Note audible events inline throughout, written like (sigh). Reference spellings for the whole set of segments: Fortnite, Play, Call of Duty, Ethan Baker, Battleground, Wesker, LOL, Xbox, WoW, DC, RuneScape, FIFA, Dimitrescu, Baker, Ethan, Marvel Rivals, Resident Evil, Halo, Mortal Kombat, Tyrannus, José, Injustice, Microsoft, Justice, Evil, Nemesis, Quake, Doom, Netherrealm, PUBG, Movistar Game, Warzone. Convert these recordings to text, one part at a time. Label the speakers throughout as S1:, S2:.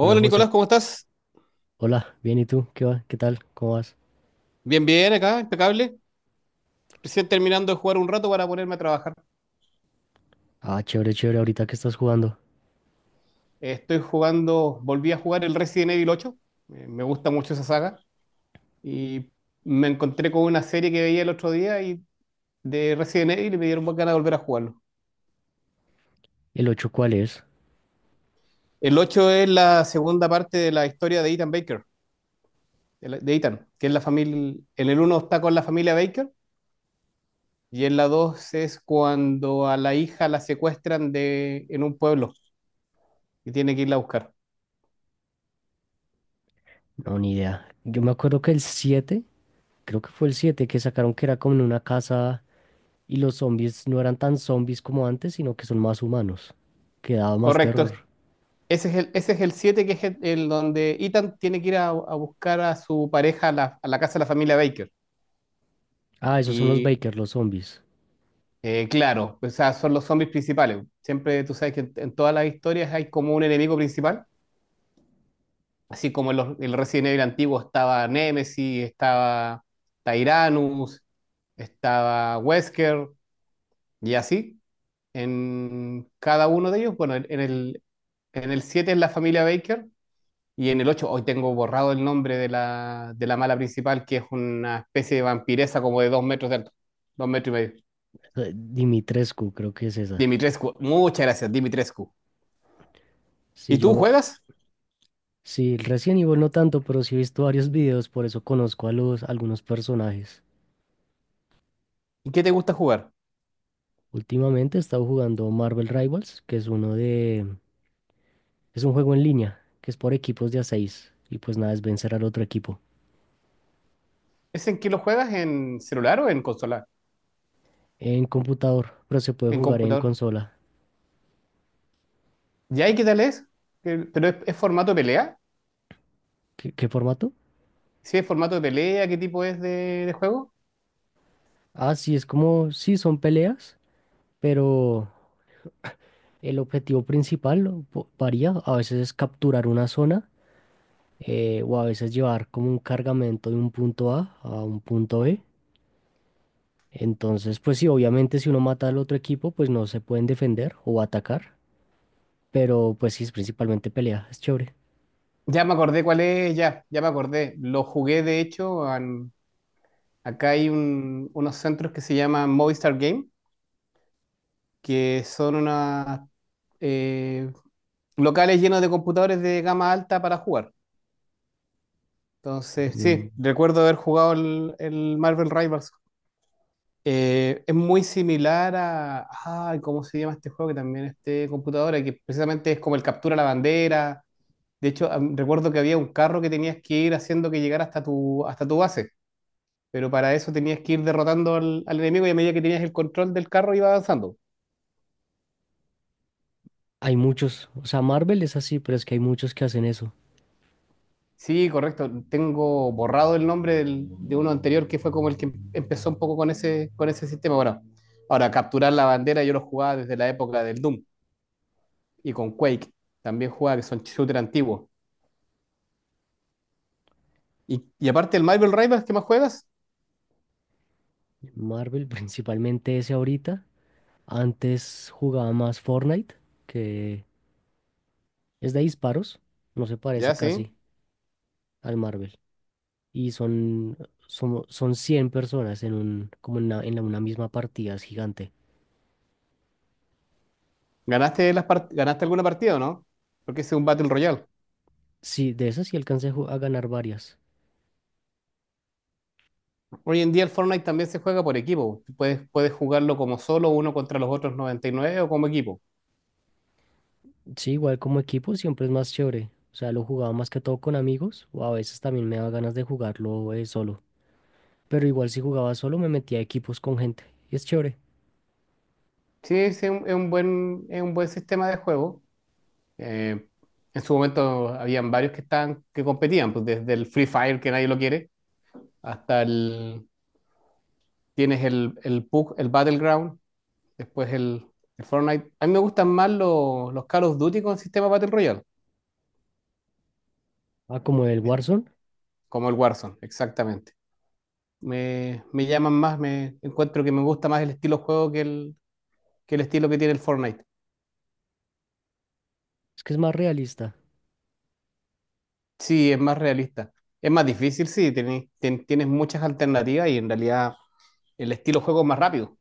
S1: Hola José,
S2: Nicolás, ¿cómo estás?
S1: hola, bien, ¿y tú? ¿Qué va? ¿Qué tal? ¿Cómo vas?
S2: Bien, bien, acá, impecable. Recién terminando de jugar un rato para ponerme a trabajar.
S1: Ah, chévere, chévere, ahorita que estás jugando.
S2: Estoy jugando, volví a jugar el Resident Evil ocho. Me gusta mucho esa saga. Y me encontré con una serie que veía el otro día y de Resident Evil y me dieron más ganas de volver a jugarlo.
S1: ¿El 8, cuál es?
S2: El 8 es la segunda parte de la historia de Ethan Baker, de Ethan, que es la familia. En el uno está con la familia Baker y en la 2 es cuando a la hija la secuestran en un pueblo y tiene que irla a buscar.
S1: No, ni idea. Yo me acuerdo que el 7, creo que fue el 7, que sacaron que era como en una casa y los zombies no eran tan zombies como antes, sino que son más humanos. Que daba más
S2: Correcto.
S1: terror.
S2: Ese es el siete, que es el donde Ethan tiene que ir a buscar a su pareja a la casa de la familia Baker.
S1: Ah, esos son los
S2: Y
S1: Baker, los zombies.
S2: claro, o sea, son los zombies principales. Siempre tú sabes que en todas las historias hay como un enemigo principal, así como en el Resident Evil antiguo estaba Nemesis, estaba Tyrannus, estaba Wesker, y así. En cada uno de ellos, bueno, en el 7 es la familia Baker. Y en el 8 hoy tengo borrado el nombre de la mala principal, que es una especie de vampiresa como de 2 metros de alto, 2,5 metros.
S1: Dimitrescu, creo que es esa.
S2: Dimitrescu, muchas gracias, Dimitrescu.
S1: Sí,
S2: ¿Y tú
S1: yo,
S2: juegas?
S1: sí, recién Evil no tanto, pero sí he visto varios videos, por eso conozco a algunos personajes.
S2: ¿Y qué te gusta jugar?
S1: Últimamente he estado jugando Marvel Rivals, que es uno de… Es un juego en línea, que es por equipos de a 6. Y pues nada, es vencer al otro equipo.
S2: ¿Es en qué lo juegas? ¿En celular o en consola?
S1: En computador, pero se puede
S2: ¿En
S1: jugar en
S2: computador?
S1: consola.
S2: ¿Ya y qué tal es? ¿Pero es, formato de pelea?
S1: ¿Qué, qué formato?
S2: ¿Sí es formato de pelea? ¿Qué tipo es de juego?
S1: Ah, sí, es como… Sí, son peleas, pero el objetivo principal varía. A veces es capturar una zona, o a veces llevar como un cargamento de un punto A a un punto B. Entonces, pues sí, obviamente si uno mata al otro equipo, pues no se pueden defender o atacar. Pero pues sí, es principalmente pelea, es chévere.
S2: Ya me acordé cuál es, ya, ya me acordé. Lo jugué de hecho, acá hay unos centros que se llaman Movistar Game, que son unas eh, locales llenos de computadores de gama alta para jugar. Entonces,
S1: Mm.
S2: sí, recuerdo haber jugado el Marvel Rivals. Es muy similar a, ay, ¿cómo se llama este juego? Que también es de computadora, que precisamente es como el captura la bandera. De hecho, recuerdo que había un carro que tenías que ir haciendo que llegara hasta tu base, pero para eso tenías que ir derrotando al enemigo, y a medida que tenías el control del carro iba avanzando.
S1: Hay muchos, o sea, Marvel es así, pero es que hay muchos que hacen eso.
S2: Sí, correcto. Tengo borrado el nombre de uno anterior que fue como el que empezó un poco con ese sistema. Bueno, ahora capturar la bandera yo lo jugaba desde la época del Doom y con Quake. También jugaba, que son shooter antiguos. Y, aparte del Marvel Rivals, ¿qué más juegas?
S1: Marvel, (laughs) principalmente ese ahorita. Antes jugaba más Fortnite, que es de disparos, no se parece
S2: Ya, sí.
S1: casi al Marvel. Y son 100 personas en un, como en una, una misma partida, es gigante.
S2: ¿Ganaste alguna partida o no? Porque ese es un Battle Royale.
S1: Sí, de esas sí alcancé a ganar varias.
S2: Hoy en día el Fortnite también se juega por equipo. Puedes jugarlo como solo, uno contra los otros 99, o como equipo.
S1: Sí, igual como equipo siempre es más chévere. O sea, lo jugaba más que todo con amigos o a veces también me daba ganas de jugarlo solo. Pero igual si jugaba solo me metía a equipos con gente y es chévere.
S2: Sí, sí, es un buen sistema de juego. Eh, en su momento habían varios que estaban, que competían, pues desde el Free Fire, que nadie lo quiere, hasta el, tienes el PUBG, el Battleground, después el Fortnite. A mí me gustan más los Call of Duty con sistema Battle Royale,
S1: Ah, como el Warzone,
S2: como el Warzone, exactamente. Me llaman más, me encuentro que me gusta más el estilo juego que el estilo que tiene el Fortnite.
S1: es que es más realista.
S2: Sí, es más realista. Es más difícil, sí, tienes muchas alternativas, y en realidad el estilo juego es más rápido.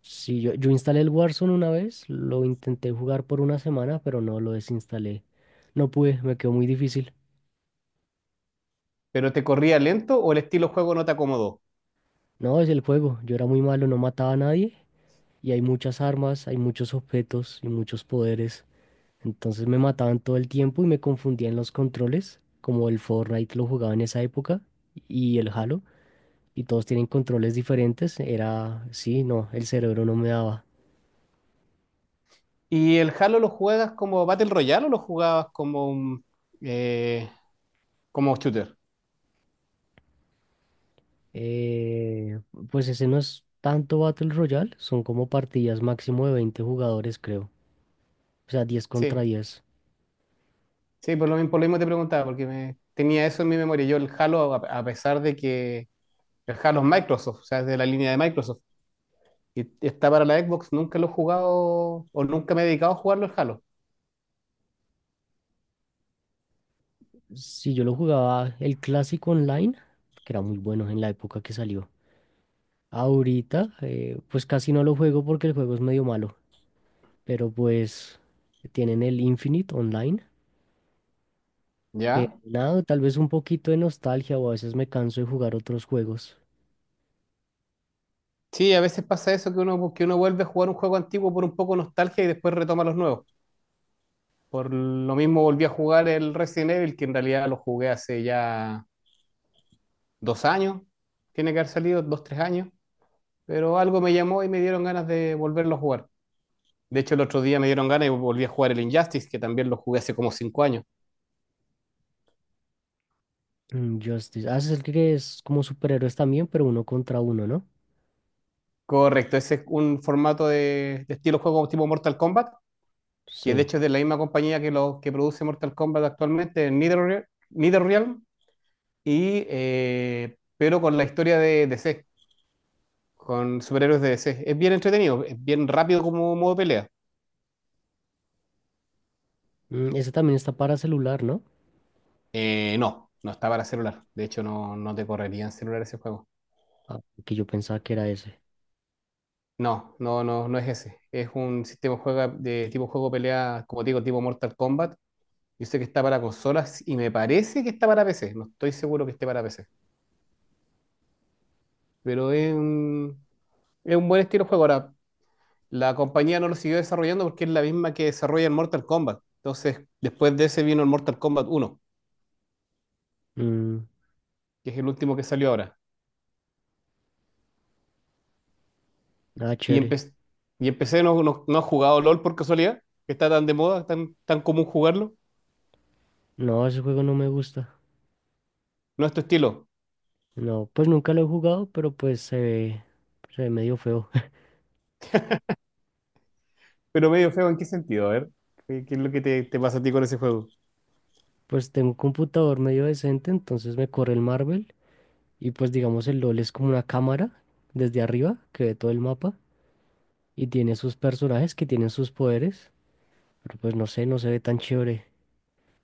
S1: Sí, yo instalé el Warzone una vez, lo intenté jugar por una semana, pero no lo desinstalé. No pude, me quedó muy difícil.
S2: ¿Pero te corría lento o el estilo juego no te acomodó?
S1: No, es el juego, yo era muy malo, no mataba a nadie y hay muchas armas, hay muchos objetos y muchos poderes. Entonces me mataban todo el tiempo y me confundían los controles, como el Fortnite lo jugaba en esa época y el Halo, y todos tienen controles diferentes. Era, sí, no, el cerebro no me daba.
S2: ¿Y el Halo lo juegas como Battle Royale o lo jugabas eh, como shooter?
S1: Eh, pues ese no es tanto Battle Royale, son como partidas máximo de 20 jugadores, creo. O sea, 10 contra
S2: Sí,
S1: 10.
S2: sí, por lo mismo te preguntaba, porque tenía eso en mi memoria. Yo el Halo, a pesar de que el Halo es Microsoft, o sea, es de la línea de Microsoft, y está para la Xbox, nunca lo he jugado o nunca me he dedicado a jugarlo el Halo,
S1: Si yo lo jugaba el clásico online, que era muy bueno en la época que salió. Ahorita, pues casi no lo juego porque el juego es medio malo. Pero pues tienen el Infinite Online, que
S2: ¿ya?
S1: nada, tal vez un poquito de nostalgia o a veces me canso de jugar otros juegos.
S2: Sí, a veces pasa eso, que uno, vuelve a jugar un juego antiguo por un poco de nostalgia y después retoma los nuevos. Por lo mismo volví a jugar el Resident Evil, que en realidad lo jugué hace ya 2 años. Tiene que haber salido 2, 3 años. Pero algo me llamó y me dieron ganas de volverlo a jugar. De hecho, el otro día me dieron ganas y volví a jugar el Injustice, que también lo jugué hace como 5 años.
S1: Mm, Justice, ah, ese es el que es como superhéroes también, pero uno contra uno, ¿no?
S2: Correcto, ese es un formato de estilo juego tipo Mortal Kombat, que de
S1: Sí.
S2: hecho es de la misma compañía que produce Mortal Kombat actualmente, Netherrealm, Netherrealm, y, pero con la historia de DC. Con superhéroes de DC. Es bien entretenido, es bien rápido como modo de pelea.
S1: Mm, ese también está para celular, ¿no?
S2: No, no está para celular. De hecho, no, no te correría en celular ese juego.
S1: Ah, que yo pensaba que era ese.
S2: No, no, no, no es ese. Es un sistema de tipo juego pelea, como te digo, tipo Mortal Kombat. Yo sé que está para consolas y me parece que está para PC. No estoy seguro que esté para PC. Pero es un buen estilo de juego. Ahora, la compañía no lo siguió desarrollando porque es la misma que desarrolla el Mortal Kombat. Entonces, después de ese vino el Mortal Kombat uno,
S1: Mm,
S2: que es el último que salió ahora.
S1: ah,
S2: Y,
S1: chévere.
S2: empe- y empecé, no, no, no has jugado LOL por casualidad, que está tan de moda, tan, tan común jugarlo.
S1: No, ese juego no me gusta.
S2: No es tu estilo,
S1: No, pues nunca lo he jugado, pero pues se ve medio feo. (laughs)
S2: pero medio feo, ¿en qué sentido? A ver, ¿qué es lo que te pasa a ti con ese juego?
S1: Pues tengo un computador medio decente, entonces me corre el Marvel. Y pues digamos el LOL es como una cámara desde arriba que ve todo el mapa y tiene sus personajes que tienen sus poderes, pero pues no sé, no se ve tan chévere.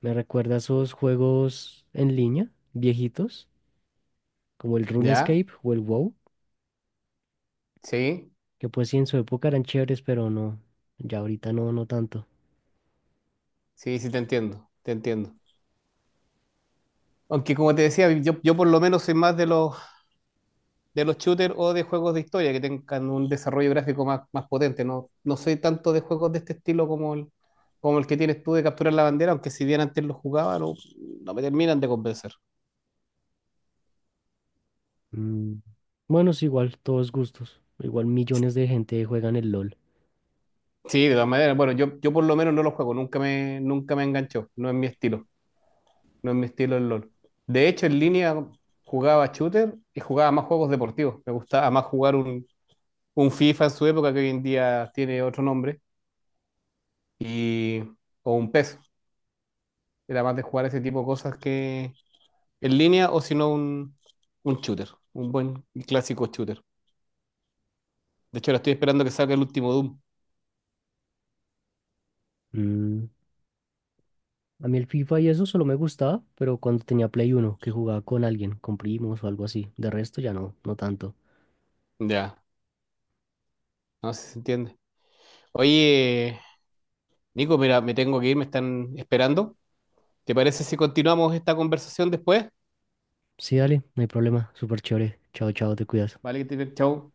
S1: Me recuerda a esos juegos en línea, viejitos, como el
S2: ¿Ya?
S1: RuneScape o el WoW,
S2: Sí,
S1: que pues sí en su época eran chéveres, pero no, ya ahorita no, no tanto.
S2: sí, sí, te entiendo, te entiendo. Aunque como te decía, yo por lo menos soy más de los shooters o de juegos de historia que tengan un desarrollo gráfico más, más potente. No, no soy tanto de juegos de este estilo como el que tienes tú de capturar la bandera, aunque si bien antes lo jugaba, no, no me terminan de convencer.
S1: Mm. Bueno, es igual, todos gustos. Igual millones de gente juegan el LOL.
S2: Sí, de todas maneras. Bueno, yo por lo menos no lo juego, nunca me enganchó. No es mi estilo. No es mi estilo el LOL. De hecho, en línea jugaba shooter y jugaba más juegos deportivos. Me gustaba más jugar un FIFA en su época, que hoy en día tiene otro nombre, y, o un PES. Era más de jugar ese tipo de cosas que en línea, o si no un shooter, un buen y clásico shooter. De hecho, ahora estoy esperando que salga el último Doom.
S1: Mm. A mí el FIFA y eso solo me gustaba, pero cuando tenía Play Uno que jugaba con alguien, con primos o algo así. De resto ya no, no tanto.
S2: Ya, no sé si se entiende. Oye, Nico, mira, me tengo que ir, me están esperando. ¿Te parece si continuamos esta conversación después?
S1: Sí, dale, no hay problema. Súper chévere. Chao, chao, te cuidas.
S2: Vale, chau.